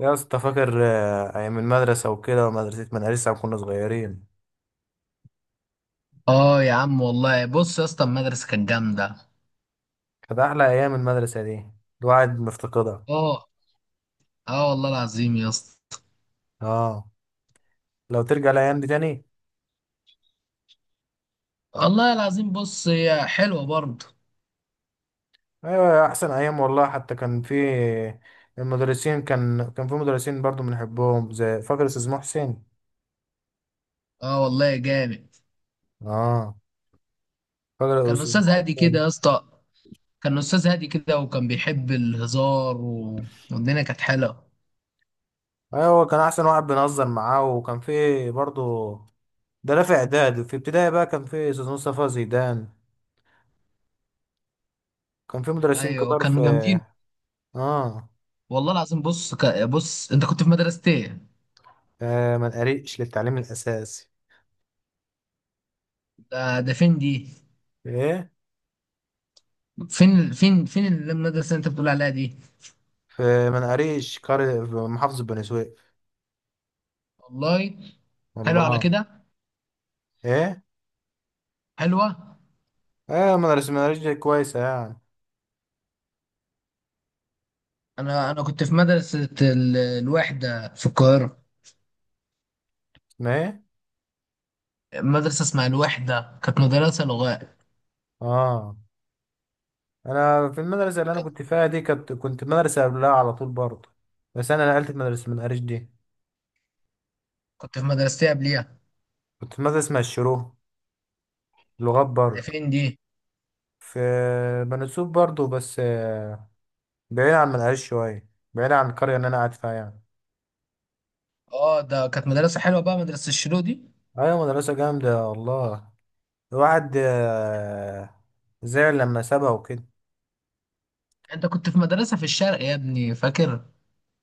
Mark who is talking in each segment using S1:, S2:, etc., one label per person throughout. S1: يا اسطى فاكر ايام المدرسه وكده، ومدرسه كنا صغيرين.
S2: اه يا عم والله، بص يا اسطى، المدرسه كانت جامده.
S1: كانت احلى ايام المدرسه دي، الواحد مفتقدها.
S2: اه. اه والله العظيم يا اسطى.
S1: اه، لو ترجع الايام دي تاني.
S2: والله العظيم، بص هي حلوه برضه.
S1: ايوه احسن ايام والله، حتى كان في المدرسين، كان في مدرسين برضو بنحبهم، زي فاكر استاذ محسن.
S2: اه والله جامد.
S1: اه، فاكر
S2: كان
S1: استاذ
S2: استاذ هادي كده
S1: محسن.
S2: يا اسطى. كان استاذ هادي كده وكان بيحب الهزار والدنيا كانت حلوه.
S1: ايوه كان احسن واحد بنهزر معاه، وكان في برضو، ده لا في اعداد، في ابتدائي بقى كان في استاذ مصطفى زيدان، كان في مدرسين
S2: ايوه
S1: كتار في.
S2: كانوا جامدين.
S1: اه
S2: والله العظيم، بص بص انت كنت في مدرسه ايه؟
S1: منقريش للتعليم الأساسي.
S2: ده فين دي؟
S1: إيه،
S2: فين المدرسه اللي انت بتقول عليها دي؟
S1: في منقريش، قرية في محافظة بني سويف.
S2: والله. حلوه على
S1: والله.
S2: كده.
S1: إيه.
S2: حلوه.
S1: مدرسة منقريش دي كويسة يعني.
S2: انا كنت في مدرسه الوحده في القاهره.
S1: اسمها إيه؟
S2: مدرسه اسمها الوحده، كانت مدرسه لغات.
S1: آه أنا في المدرسة اللي أنا
S2: كنت
S1: كنت فيها دي، كنت في مدرسة قبلها على طول برضه. بس أنا نقلت في مدرسة منقريش دي.
S2: كنت في مدرستي قبليها.
S1: كنت في مدرسة اسمها الشروق، لغات
S2: ده
S1: برضه،
S2: فين دي؟
S1: في بني سويف برضه، بس بعيد عن منقريش شوية، بعيد عن القرية اللي أنا قاعد فيها يعني.
S2: اه، ده كانت مدرسه حلوه بقى مدرسه الشلو دي.
S1: أيوة، مدرسة جامدة والله. الواحد زعل لما سابها وكده.
S2: انت كنت في مدرسه في الشرق يا ابني، فاكر؟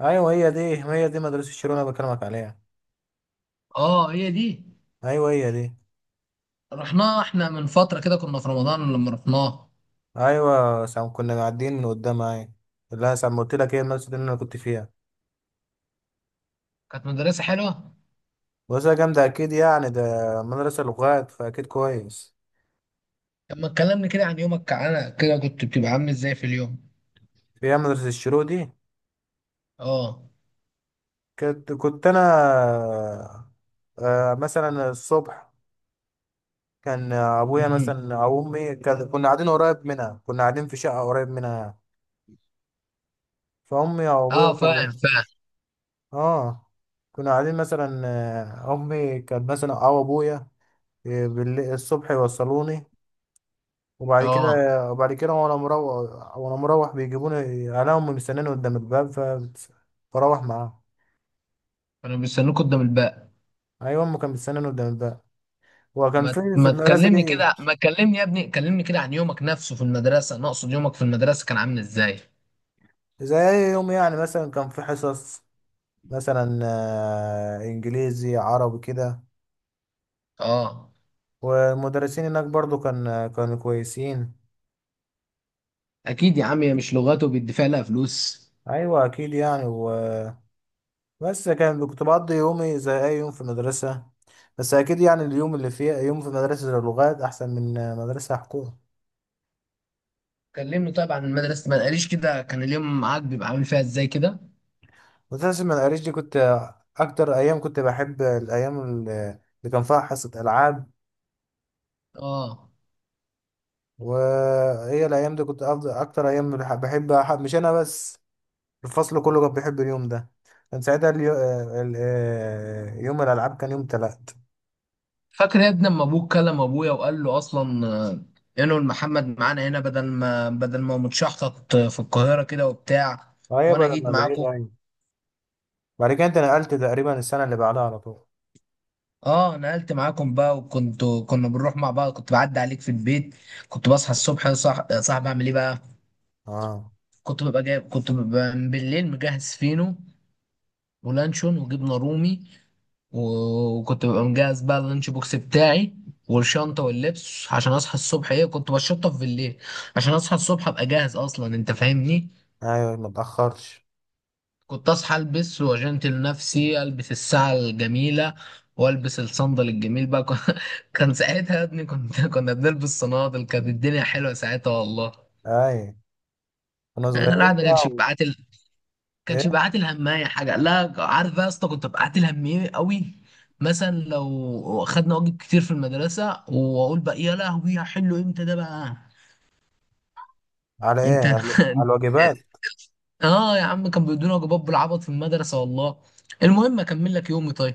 S1: ايوه هي دي، هي دي مدرسة شيرون انا بكلمك عليها.
S2: اه هي دي.
S1: ايوه هي دي.
S2: رحناها احنا من فتره كده، كنا في رمضان لما رحناها.
S1: ايوه سام، كنا معديين من قدامها، ايوه. لا سام قلت لك، هي المدرسة دي اللي انا كنت فيها.
S2: كانت مدرسه حلوه.
S1: مدرسة جامدة اكيد يعني ده، مدرسة لغات فاكيد كويس.
S2: طب ما تكلمني كده عن يومك؟ كعنا كده كنت بتبقى عامل ازاي في اليوم؟
S1: فيها مدرسة الشيرو دي.
S2: اه.
S1: كنت انا مثلا الصبح كان ابويا
S2: امم.
S1: مثلا او امي، كنا قاعدين في شقة قريب منها. فامي او ابويا
S2: اه،
S1: كان
S2: فاهم فاهم.
S1: اه كنا قاعدين مثلا، امي كانت مثلا او ابويا، الصبح يوصلوني. وبعد كده،
S2: اه.
S1: وانا مروح بيجيبوني. انا امي مستناني قدام الباب، فبروح معاهم.
S2: كانوا بيستنوك قدام الباب.
S1: ايوه امي كانت مستناني قدام الباب. وكان في
S2: ما
S1: في
S2: ما
S1: المدرسه
S2: تكلمني
S1: دي
S2: كده، ما تكلمني يا ابني، كلمني كده عن يومك نفسه في المدرسة، انا اقصد يومك في المدرسة كان عامل ازاي؟
S1: زي اي يوم يعني، مثلا كان في حصص مثلا، انجليزي عربي كده.
S2: اه،
S1: والمدرسين هناك برضو كانوا كويسين.
S2: اكيد يا عم هي مش لغاته بيدفع لها فلوس.
S1: ايوه اكيد يعني. بس كنت بقضي يومي زي أي يوم في المدرسة. بس أكيد يعني اليوم اللي فيه يوم في مدرسة اللغات أحسن من مدرسة حكومة.
S2: كلمني طيب عن المدرسة، ما قاليش كده كان اليوم معاك بيبقى عامل فيها ازاي كده.
S1: مدرسة المدارس دي، كنت أكتر أيام كنت بحب الأيام اللي كان فيها حصة ألعاب.
S2: اه.
S1: وهي الأيام دي كنت أفضل أكتر أيام بحب، مش أنا بس، الفصل كله كان بيحب اليوم ده. كان ساعتها اليو... ال- آه، يوم الألعاب كان يوم تلات.
S2: فاكر يا ابني لما ابوك كلم ابويا وقال له اصلا، انه محمد معانا هنا بدل ما متشحطط في القاهرة كده وبتاع.
S1: أيوة
S2: وانا
S1: بعد
S2: جيت
S1: ما بعيد
S2: معاكم.
S1: أيوة. بعد كده أنت نقلت تقريبا السنة اللي بعدها على طول.
S2: اه، نقلت معاكم بقى وكنت. كنا بنروح مع بعض، كنت بعدي عليك في البيت. كنت بصحى الصبح صح صاحب، اعمل ايه بقى؟
S1: أه.
S2: كنت ببقى بالليل مجهز فينو ولانشون وجبنه رومي. وكنت ببقى مجهز بقى اللانش بوكس بتاعي والشنطه واللبس عشان اصحى الصبح. ايه، كنت بشطف بالليل عشان اصحى الصبح ابقى جاهز اصلا، انت فاهمني.
S1: أيوة ما تأخرش.
S2: كنت اصحى، البس واجنتل نفسي، البس الساعه الجميله والبس الصندل الجميل بقى. كان ساعتها يا ابني، كنا بنلبس صنادل، كانت الدنيا حلوه ساعتها والله.
S1: اي، كنا
S2: انا
S1: صغيرين
S2: الواحد ما
S1: بقى
S2: كانش
S1: و...
S2: بيبعت كانش
S1: ايه؟
S2: بيبعت الهمايه حاجه، لا عارف بقى يا اسطى كنت ببعت الهمية قوي. مثلا لو خدنا واجب كتير في المدرسه واقول بقى يا لهوي هحله امتى ده بقى. انت
S1: على الواجبات.
S2: اه يا عم، كان بيدونا واجبات بالعبط في المدرسه والله. المهم اكمل لك يومي طيب.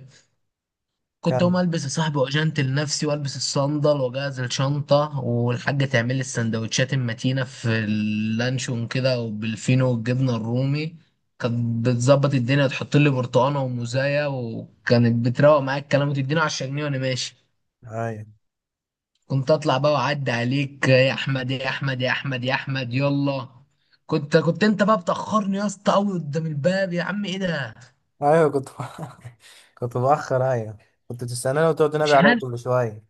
S2: كنت اقوم
S1: كامل.
S2: البس يا صاحبي واجنتل لنفسي والبس الصندل واجهز الشنطه، والحاجه تعمل لي السندوتشات المتينه في اللانشون كده وبالفينو والجبنه الرومي. كانت بتظبط الدنيا، تحط لي برتقانه وموزايه، وكانت بتروق معايا الكلام وتديني 10 جنيه وانا ماشي.
S1: اي.
S2: كنت اطلع بقى واعدي عليك، يا احمد يا احمد يا احمد يا احمد يلا. كنت انت بقى بتاخرني يا اسطى قوي قدام الباب، يا عم ايه ده؟
S1: ايوه كنت بأخر، ايوه. كنت تستناني وتقعد تنادي
S2: مش
S1: عليا
S2: عارف.
S1: كل شويه.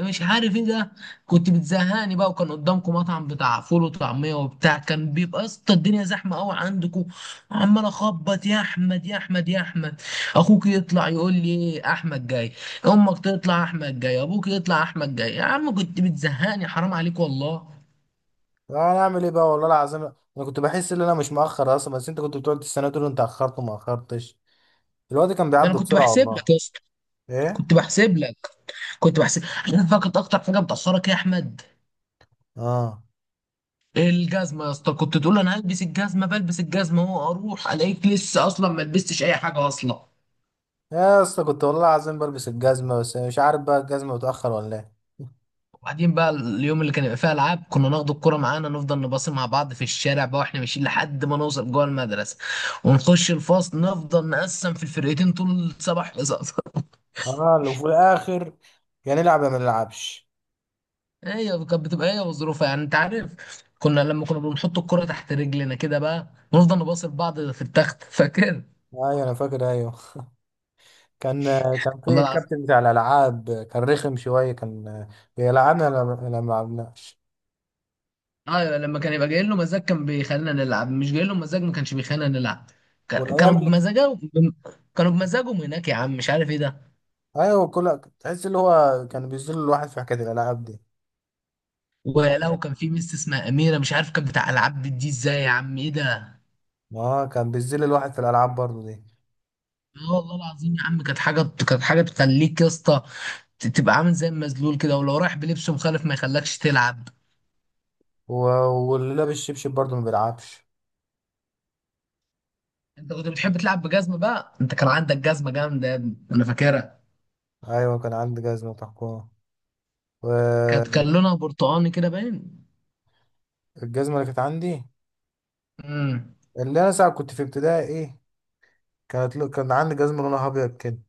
S2: مش عارف ايه ده. كنت بتزهقني بقى، وكان قدامكم مطعم بتاع فول وطعميه وبتاع، كان بيبقى يا اسطى الدنيا زحمه قوي عندكم. عمال اخبط، يا احمد يا احمد يا احمد. اخوك يطلع يقول لي ايه، احمد جاي. امك تطلع احمد جاي، ابوك يطلع احمد جاي. يا عم كنت بتزهقني، حرام عليك والله.
S1: انا اعمل ايه بقى، والله العظيم انا كنت بحس ان انا مش مأخر اصلا، بس انت كنت بتقعد تستناني تقول انت اخرت، وما اخرتش. الوقت كان
S2: ده انا
S1: بيعدي
S2: كنت
S1: بسرعه
S2: بحسب
S1: والله.
S2: لك يا اسطى.
S1: ايه؟
S2: كنت بحسب لك. كنت بحسب. عارف بقى كانت اكتر حاجه بتاخرك إيه يا احمد؟
S1: اه
S2: الجزمه يا اسطى. كنت تقول انا هلبس الجزمه، بلبس الجزمه، هو اروح الاقيك لسه اصلا ما لبستش اي حاجه اصلا.
S1: يا اسطى، كنت والله العظيم بلبس الجزمه، بس مش عارف بقى الجزمه متأخر ولا ايه.
S2: وبعدين بقى اليوم اللي كان يبقى فيه العاب، كنا ناخد الكرة معانا، نفضل نباصي مع بعض في الشارع بقى واحنا ماشيين لحد ما نوصل جوه المدرسة. ونخش الفصل، نفضل نقسم في الفرقتين طول سبع حصص.
S1: اه، لو في الاخر يا نلعب يا ما نلعبش.
S2: هي كانت بتبقى هي وظروفها، يعني انت عارف. لما كنا بنحط الكرة تحت رجلنا كده بقى، ونفضل نباصي لبعض في التخت. فاكر؟
S1: ايوه انا فاكر، ايوه. كان كان في
S2: والله العظيم.
S1: الكابتن بتاع الالعاب كان رخم شويه، كان بيلعبنا لما ما لعبناش.
S2: ايوه، لما كان يبقى جاي له مزاج كان بيخلينا نلعب، مش جاي له مزاج ما كانش بيخلينا نلعب. كانوا
S1: والايام اللي،
S2: بمزاجهم. كانوا بمزاجهم هناك يا عم، مش عارف ايه ده.
S1: ايوه، كل تحس اللي هو كان بيذل الواحد في حكايه الالعاب دي.
S2: ولو كان في ميس اسمها اميره، مش عارف كانت بتاع العاب دي ازاي يا عم ايه ده.
S1: اه كان بيذل الواحد في الالعاب برضه دي.
S2: اه والله العظيم يا عم، كانت حاجه. كانت حاجه تخليك يا اسطى تبقى عامل زي المزلول كده، ولو رايح بلبس مخالف ما يخلكش تلعب.
S1: و... واللي لابس شبشب برضه ما بيلعبش.
S2: انت كنت بتحب تلعب بجزمه بقى، انت كان عندك جزمه جامده يا ابني، انا فاكرها.
S1: ايوه كان عندي جزمه تحكم. والجزمه
S2: كان لونها برتقاني كده باين.
S1: اللي كانت عندي،
S2: امم.
S1: اللي انا ساعه كنت في ابتدائي، ايه، كانت كان عندي جزمه لونها ابيض كده،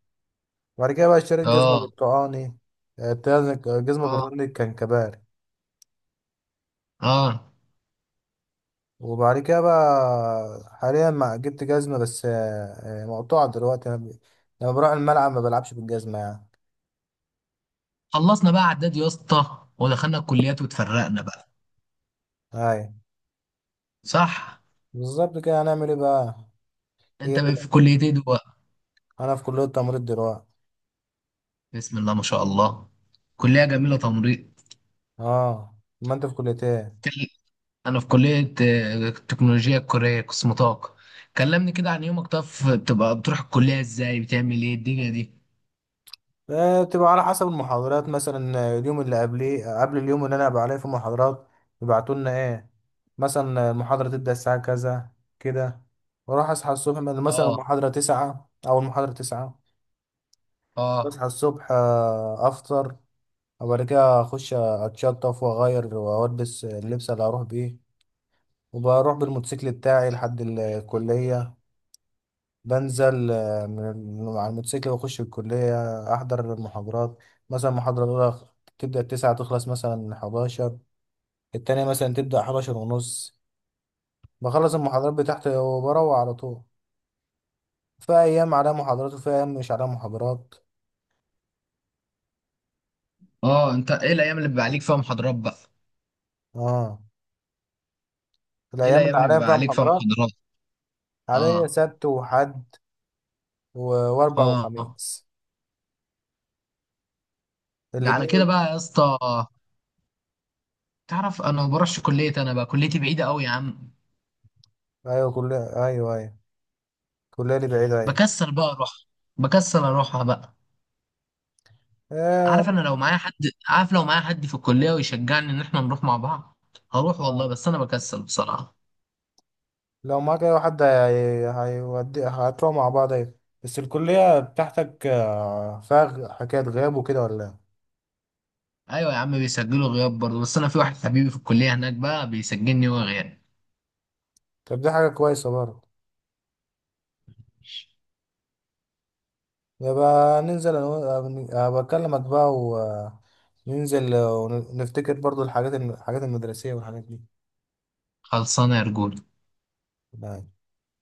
S1: وبعد كده بقى اشتريت جزمه
S2: اه.
S1: برتقاني. آه، الجزمه
S2: اه.
S1: البرتقاني كان كبار.
S2: اه.
S1: وبعد كده بقى حاليا ما جبت جزمة، بس مقطوعة دلوقتي. لما بروح الملعب ما بلعبش بالجزمة يعني.
S2: خلصنا بقى اعداد يا اسطى، ودخلنا الكليات واتفرقنا بقى.
S1: هاي.
S2: صح.
S1: بالظبط كده، هنعمل ايه بقى. هي
S2: انت
S1: دي.
S2: بقى في كليه ايه دلوقتي؟
S1: انا في كلية تمريض دلوقتي.
S2: بسم الله ما شاء الله، كليه جميله تمريض.
S1: اه ما انت في كلية ايه؟
S2: كل- انا في كلية، التكنولوجيا الكورية قسم طاقة. كلمني كده عن يومك، طب بتبقى بتروح الكلية ازاي؟ بتعمل ايه الدنيا دي؟
S1: بتبقى على حسب المحاضرات. مثلا اليوم اللي قبليه، قبل اليوم اللي انا هبقى عليه في محاضرات، يبعتوا لنا ايه، مثلا المحاضرة تبدأ الساعة كذا كده. واروح اصحى الصبح، مثلا
S2: اه.
S1: المحاضرة 9 او المحاضرة 9.
S2: اه.
S1: اصحى الصبح، افطر، وبعد كده اخش اتشطف واغير والبس اللبس اللي هروح بيه، وبروح بالموتوسيكل بتاعي لحد الكلية. بنزل من على الموتوسيكل واخش الكلية، احضر المحاضرات. مثلا المحاضرة الاولى تبدأ ال 9 تخلص مثلا 11، التانية مثلا تبدأ 11:30. بخلص المحاضرات بتاعتي وبروح على طول. في ايام عليها محاضرات، وفي ايام مش عليها محاضرات.
S2: اه. انت ايه الايام اللي بيبقى عليك فيها محاضرات بقى؟
S1: اه.
S2: ايه
S1: الايام
S2: الايام
S1: اللي
S2: اللي
S1: عليها
S2: بيبقى
S1: فيها
S2: عليك فيها
S1: محاضرات،
S2: محاضرات؟
S1: عليا
S2: اه.
S1: سبت وحد، و- واربع
S2: اه. آه.
S1: وخميس،
S2: ده على
S1: الاتنين.
S2: كده بقى يا اسطى. تعرف انا ما بروحش كلية، انا بقى كليتي بعيدة قوي يا عم.
S1: ايوه، كلية، ايوه ايوه. كلية دي بعيدة، ايوه.
S2: بكسل بقى اروح. بكسل اروحها بقى.
S1: آه.
S2: عارف انا لو معايا حد. عارف لو معايا حد في الكلية ويشجعني ان احنا نروح مع بعض، هروح والله،
S1: اه
S2: بس انا بكسل بصراحة.
S1: لو معاك اي حد، هيودي هتروح مع بعض، ايوه. بس الكلية بتاعتك فيها حكاية غياب وكده ولا إيه؟
S2: ايوه يا عم، بيسجلوا غياب برضه، بس انا في واحد حبيبي في الكليه هناك بقى بيسجلني وهو غياب.
S1: طب دي حاجة كويسة برضه. يبقى ننزل انا أبقى اكلمك بقى، وننزل ونفتكر برضه الحاجات الحاجات المدرسية والحاجات
S2: خلصانه يا رجولة.
S1: دي